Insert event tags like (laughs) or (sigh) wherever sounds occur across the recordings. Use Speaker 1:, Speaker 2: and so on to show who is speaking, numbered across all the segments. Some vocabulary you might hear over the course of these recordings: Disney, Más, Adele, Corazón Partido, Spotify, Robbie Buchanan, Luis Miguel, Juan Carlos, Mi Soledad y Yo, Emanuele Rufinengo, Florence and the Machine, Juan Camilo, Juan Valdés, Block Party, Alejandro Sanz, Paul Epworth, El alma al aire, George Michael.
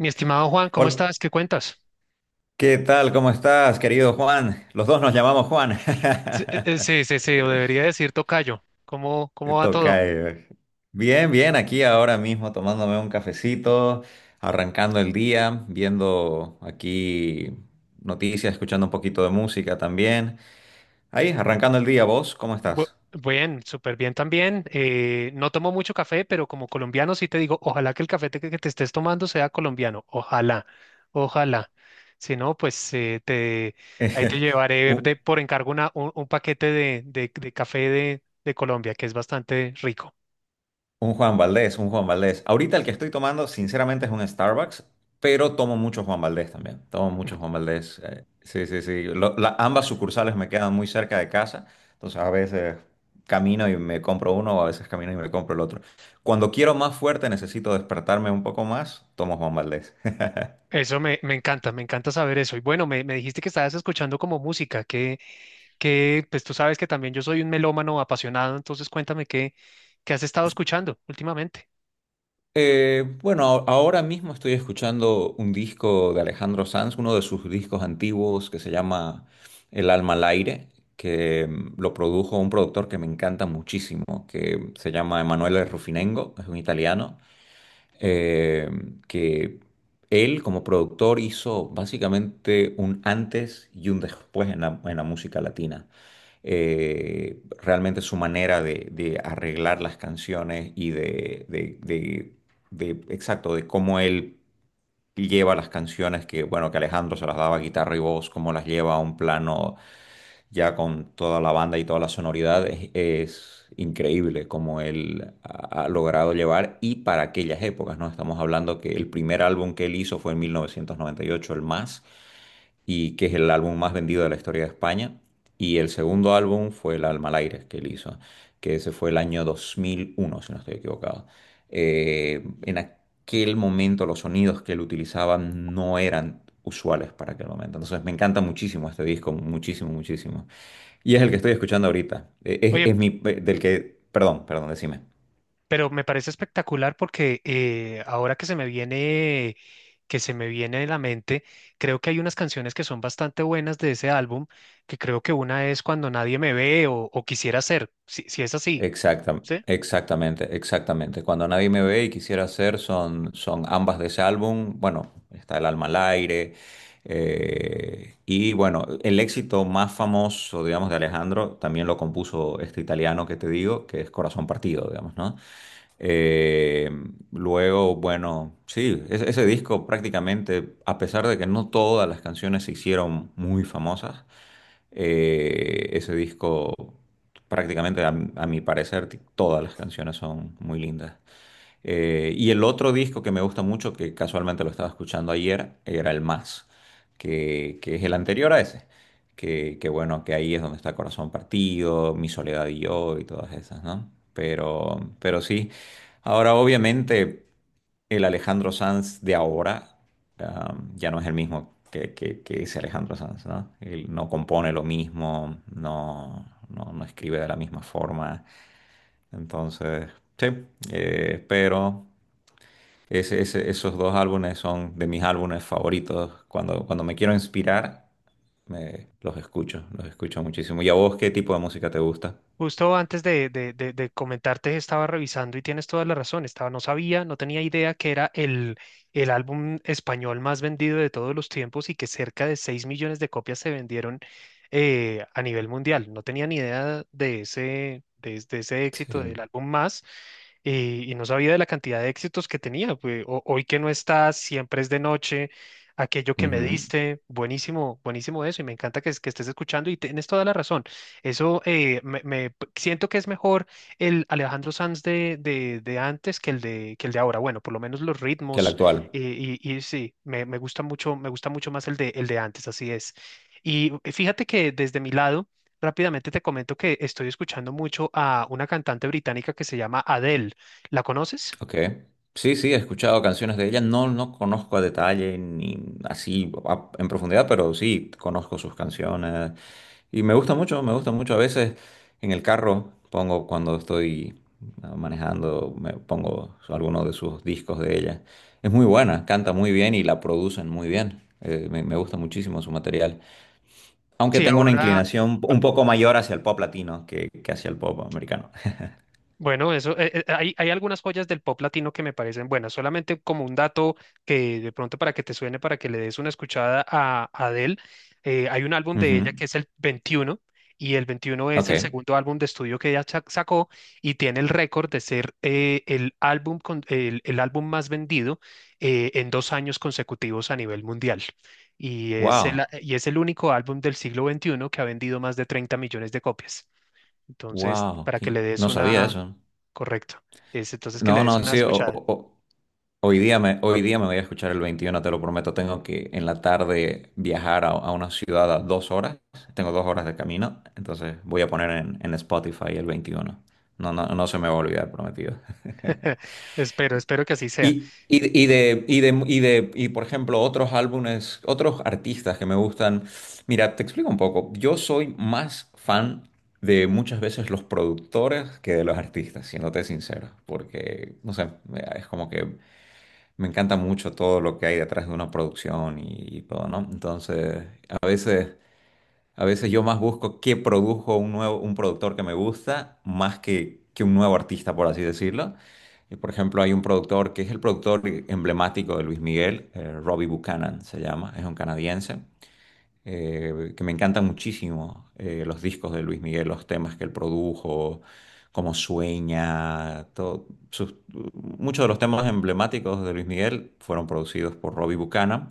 Speaker 1: Mi estimado Juan, ¿cómo
Speaker 2: Hola,
Speaker 1: estás? ¿Qué cuentas?
Speaker 2: ¿qué tal? ¿Cómo estás, querido Juan? Los dos nos llamamos Juan.
Speaker 1: Sí, sí, sí, sí, o debería decir tocayo. ¿Cómo
Speaker 2: (laughs)
Speaker 1: va todo?
Speaker 2: Tocayo. Bien, bien, aquí ahora mismo tomándome un cafecito, arrancando el día, viendo aquí noticias, escuchando un poquito de música también. Ahí, arrancando el día, ¿vos cómo
Speaker 1: Bu-
Speaker 2: estás?
Speaker 1: Bien, súper bien también. No tomo mucho café, pero como colombiano sí te digo, ojalá que el café que te estés tomando sea colombiano. Ojalá, ojalá. Si no, pues te, ahí te
Speaker 2: (laughs)
Speaker 1: llevaré de,
Speaker 2: Un,
Speaker 1: por encargo un paquete de, de café de Colombia, que es bastante rico.
Speaker 2: Un Juan Valdés, un Juan Valdés. Ahorita el que estoy tomando, sinceramente, es un Starbucks, pero tomo mucho Juan Valdés también. Tomo mucho Juan Valdés. Sí, sí, sí. Ambas sucursales me quedan muy cerca de casa, entonces a veces camino y me compro uno o a veces camino y me compro el otro. Cuando quiero más fuerte, necesito despertarme un poco más, tomo Juan Valdés.
Speaker 1: Me encanta saber eso. Y bueno, me dijiste que estabas escuchando como música, que pues tú sabes que también yo soy un melómano apasionado, entonces cuéntame qué, qué has estado escuchando últimamente.
Speaker 2: Bueno, ahora mismo estoy escuchando un disco de Alejandro Sanz, uno de sus discos antiguos que se llama El alma al aire, que lo produjo un productor que me encanta muchísimo, que se llama Emanuele Rufinengo, es un italiano eh, que él como productor hizo básicamente un antes y un después en la música latina. Realmente su manera de arreglar las canciones y exacto, de cómo él lleva las canciones que, bueno, que Alejandro se las daba guitarra y voz, cómo las lleva a un plano ya con toda la banda y todas las sonoridades, es increíble cómo él ha logrado llevar y para aquellas épocas, ¿no? Estamos hablando que el primer álbum que él hizo fue en 1998, el Más, y que es el álbum más vendido de la historia de España. Y el segundo álbum fue El Alma al aire que él hizo, que ese fue el año 2001, si no estoy equivocado. En aquel momento los sonidos que él utilizaba no eran usuales para aquel momento. Entonces me encanta muchísimo este disco, muchísimo, muchísimo. Y es el que estoy escuchando ahorita.
Speaker 1: Oye,
Speaker 2: Es mi, del que, Perdón, perdón, decime.
Speaker 1: pero me parece espectacular porque ahora que se me viene, que se me viene de la mente, creo que hay unas canciones que son bastante buenas de ese álbum, que creo que una es Cuando nadie me ve o quisiera ser, si, si es así, ¿sí?
Speaker 2: Exactamente, exactamente. Cuando nadie me ve y quisiera hacer son ambas de ese álbum. Bueno, está El alma al aire. Y bueno, el éxito más famoso, digamos, de Alejandro también lo compuso este italiano que te digo, que es Corazón Partido, digamos, ¿no? Eh, Luego, bueno, sí, ese disco prácticamente, a pesar de que no todas las canciones se hicieron muy famosas, ese disco prácticamente a mi parecer todas las canciones son muy lindas. Y el otro disco que me gusta mucho, que casualmente lo estaba escuchando ayer, era el Más, que es el anterior a ese. Que bueno, que ahí es donde está Corazón Partido, Mi Soledad y Yo y todas esas, ¿no? Pero sí, ahora obviamente el Alejandro Sanz de ahora ya no es el mismo que, que ese Alejandro Sanz, ¿no? Él no compone lo mismo, no, no, no escribe de la misma forma. Entonces, sí, eh, pero... Esos dos álbumes son de mis álbumes favoritos. Cuando me quiero inspirar, los escucho muchísimo. ¿Y a vos qué tipo de música te gusta?
Speaker 1: Justo antes de, de comentarte, estaba revisando y tienes toda la razón. Estaba, no sabía, no tenía idea que era el álbum español más vendido de todos los tiempos y que cerca de 6 millones de copias se vendieron a nivel mundial. No tenía ni idea de ese, de, de ese éxito del
Speaker 2: Sí.
Speaker 1: álbum más. Y no sabía de la cantidad de éxitos que tenía. Pues, hoy que no estás, siempre es de noche. Aquello que me
Speaker 2: Ujú.
Speaker 1: diste, buenísimo, buenísimo eso, y me encanta que, que estés escuchando y tienes toda la razón. Eso me siento que es mejor el Alejandro Sanz de, de antes que el de ahora. Bueno, por lo menos los
Speaker 2: Que el
Speaker 1: ritmos,
Speaker 2: actual.
Speaker 1: eh, y sí, me gusta mucho más el de antes, así es. Y fíjate que desde mi lado, rápidamente te comento que estoy escuchando mucho a una cantante británica que se llama Adele. ¿La conoces?
Speaker 2: Ok. Sí, sí, he escuchado canciones de ella. No, no conozco a detalle ni así en profundidad, pero sí conozco sus canciones. Y me gusta mucho, me gusta mucho. A veces en el carro pongo cuando estoy manejando, me pongo alguno de sus discos de ella. Es muy buena, canta muy bien y la producen muy bien. Me gusta muchísimo su material. Aunque
Speaker 1: Sí,
Speaker 2: tengo una
Speaker 1: ahora,
Speaker 2: inclinación un poco mayor hacia el pop latino que hacia el pop americano.
Speaker 1: bueno, eso, hay, hay algunas joyas del pop latino que me parecen buenas. Solamente como un dato que de pronto para que te suene, para que le des una escuchada a Adele, hay un álbum
Speaker 2: (laughs)
Speaker 1: de ella
Speaker 2: Ujú.
Speaker 1: que es el 21, y el 21 es el
Speaker 2: Ok.
Speaker 1: segundo álbum de estudio que sacó y tiene el récord de ser el álbum el álbum más vendido en dos años consecutivos a nivel mundial.
Speaker 2: Wow.
Speaker 1: Y es el único álbum del siglo XXI que ha vendido más de 30 millones de copias. Entonces,
Speaker 2: Wow,
Speaker 1: para que le des
Speaker 2: no sabía
Speaker 1: una.
Speaker 2: eso.
Speaker 1: Correcto. Es entonces que le
Speaker 2: No,
Speaker 1: des
Speaker 2: no,
Speaker 1: una
Speaker 2: sí,
Speaker 1: escuchada.
Speaker 2: hoy día hoy día me voy a escuchar el 21, te lo prometo. Tengo que en la tarde viajar a una ciudad a 2 horas. Tengo 2 horas de camino, entonces voy a poner en Spotify el 21. No, no, no se me va a olvidar, prometido.
Speaker 1: (laughs) Espero, espero que así sea.
Speaker 2: Y de, y por ejemplo, otros álbumes, otros artistas que me gustan. Mira, te explico un poco. Yo soy más fan de muchas veces los productores que de los artistas, siéndote sincero, porque, no sé, es como que me encanta mucho todo lo que hay detrás de una producción y, todo, ¿no? Entonces, a veces... A veces yo más busco qué produjo un nuevo, un productor que me gusta, más que un nuevo artista, por así decirlo. Y, por ejemplo, hay un productor que es el productor emblemático de Luis Miguel, Robbie Buchanan se llama, es un canadiense que me encantan muchísimo los discos de Luis Miguel, los temas que él produjo, cómo sueña, todo, muchos de los temas emblemáticos de Luis Miguel fueron producidos por Robbie Buchanan.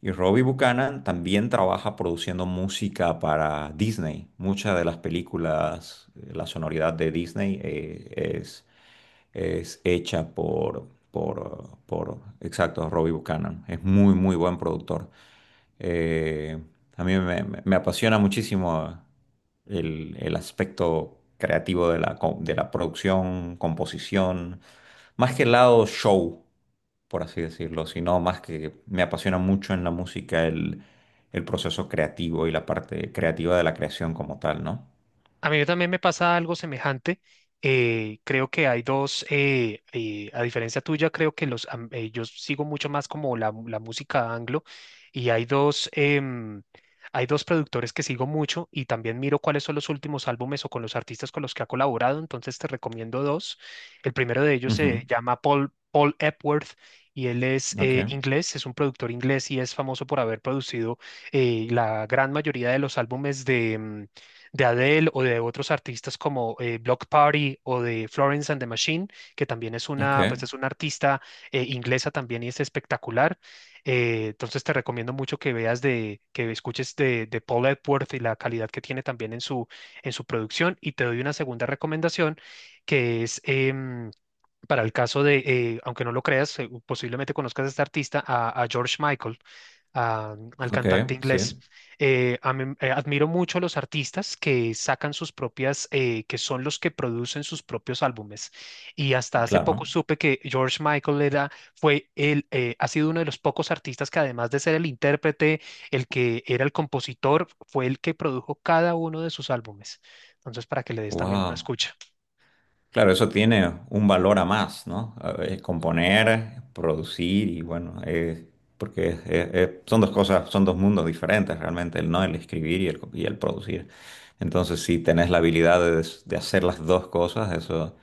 Speaker 2: Y Robbie Buchanan también trabaja produciendo música para Disney. Muchas de las películas, la sonoridad de Disney es hecha exacto, Robbie Buchanan. Es muy, muy buen productor. Eh, a mí me apasiona muchísimo el aspecto creativo de la producción, composición, más que el lado show, por así decirlo, sino más que me apasiona mucho en la música el proceso creativo y la parte creativa de la creación como tal, ¿no?
Speaker 1: A mí también me pasa algo semejante. Creo que hay dos, a diferencia tuya, creo que yo sigo mucho más como la, la música anglo y hay dos, hay dos productores que sigo mucho y también miro cuáles son los últimos álbumes o con los artistas con los que ha colaborado. Entonces te recomiendo dos. El primero de ellos
Speaker 2: Ujú,
Speaker 1: se llama Paul Epworth, y él es
Speaker 2: Ok,
Speaker 1: inglés, es un productor inglés y es famoso por haber producido la gran mayoría de los álbumes de... de Adele o de otros artistas como Block Party o de Florence and the Machine, que también es
Speaker 2: ok,
Speaker 1: una, pues es una artista inglesa también y es espectacular. Entonces te recomiendo mucho que veas de, que escuches de Paul Epworth y la calidad que tiene también en su producción. Y te doy una segunda recomendación que es para el caso de, aunque no lo creas, posiblemente conozcas a este artista, a George Michael, al
Speaker 2: ok,
Speaker 1: cantante inglés.
Speaker 2: sí,
Speaker 1: Admiro mucho a los artistas que sacan sus propias, que son los que producen sus propios álbumes. Y hasta hace
Speaker 2: claro.
Speaker 1: poco supe que George Michael era, fue el, ha sido uno de los pocos artistas que además de ser el intérprete, el que era el compositor, fue el que produjo cada uno de sus álbumes. Entonces, para que le des también una
Speaker 2: Wow.
Speaker 1: escucha.
Speaker 2: Claro, eso tiene un valor a más, ¿no? A ver, componer, producir y bueno, porque son dos cosas, son dos mundos diferentes realmente, el no, el escribir y el producir. Entonces, si tenés la habilidad de hacer las dos cosas, eso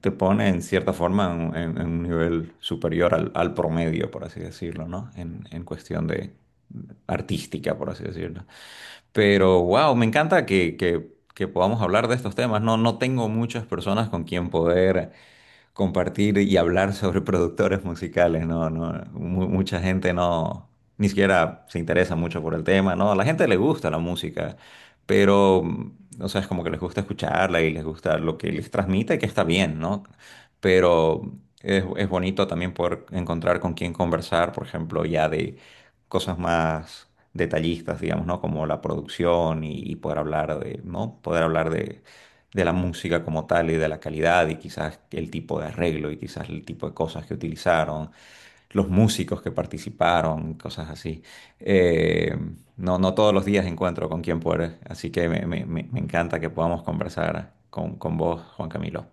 Speaker 2: te pone en cierta forma en, en un nivel superior al promedio, por así decirlo, ¿no? En cuestión de artística, por así decirlo. Pero wow, me encanta que podamos hablar de estos temas. No, no tengo muchas personas con quien poder compartir y hablar sobre productores musicales, ¿no? No, mucha gente no, ni siquiera se interesa mucho por el tema, ¿no? A la gente le gusta la música, pero, o sea, es como que les gusta escucharla y les gusta lo que les transmite, que está bien, ¿no? Pero es bonito también poder encontrar con quién conversar, por ejemplo, ya de cosas más detallistas, digamos, ¿no? Como la producción y poder hablar de, ¿no? Poder hablar de la música como tal y de la calidad y quizás el tipo de arreglo y quizás el tipo de cosas que utilizaron, los músicos que participaron, cosas así. Eh, no, no todos los días encuentro con quien poder, así que me encanta que podamos conversar con vos, Juan Camilo.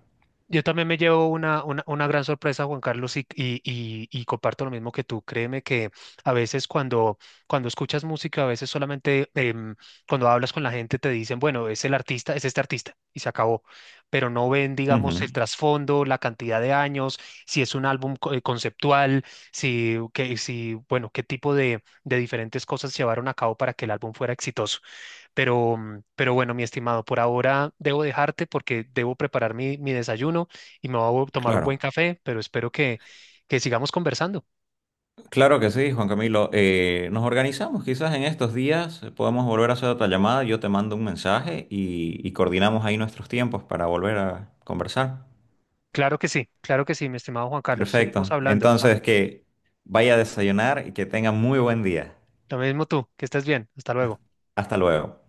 Speaker 1: Yo también me llevo una gran sorpresa, Juan Carlos, y, y comparto lo mismo que tú. Créeme que a veces cuando, cuando escuchas música, a veces solamente cuando hablas con la gente te dicen, bueno, es el artista, es este artista, y se acabó. Pero no ven, digamos,
Speaker 2: Ujú,
Speaker 1: el trasfondo, la cantidad de años, si es un álbum conceptual, si, que, si, bueno, qué tipo de diferentes cosas llevaron a cabo para que el álbum fuera exitoso. Pero, mm, pero bueno, mi estimado, por ahora debo dejarte porque debo preparar mi, mi desayuno y me voy a tomar un buen
Speaker 2: claro.
Speaker 1: café, pero espero que sigamos conversando.
Speaker 2: Claro que sí, Juan Camilo. Nos organizamos quizás en estos días, podemos volver a hacer otra llamada, yo te mando un mensaje y coordinamos ahí nuestros tiempos para volver a conversar.
Speaker 1: Claro que sí, mi estimado Juan Carlos. Seguimos
Speaker 2: Perfecto.
Speaker 1: hablando. Ah,
Speaker 2: Entonces, que vaya a desayunar y que tenga muy buen día.
Speaker 1: lo mismo tú, que estés bien. Hasta luego.
Speaker 2: Hasta luego.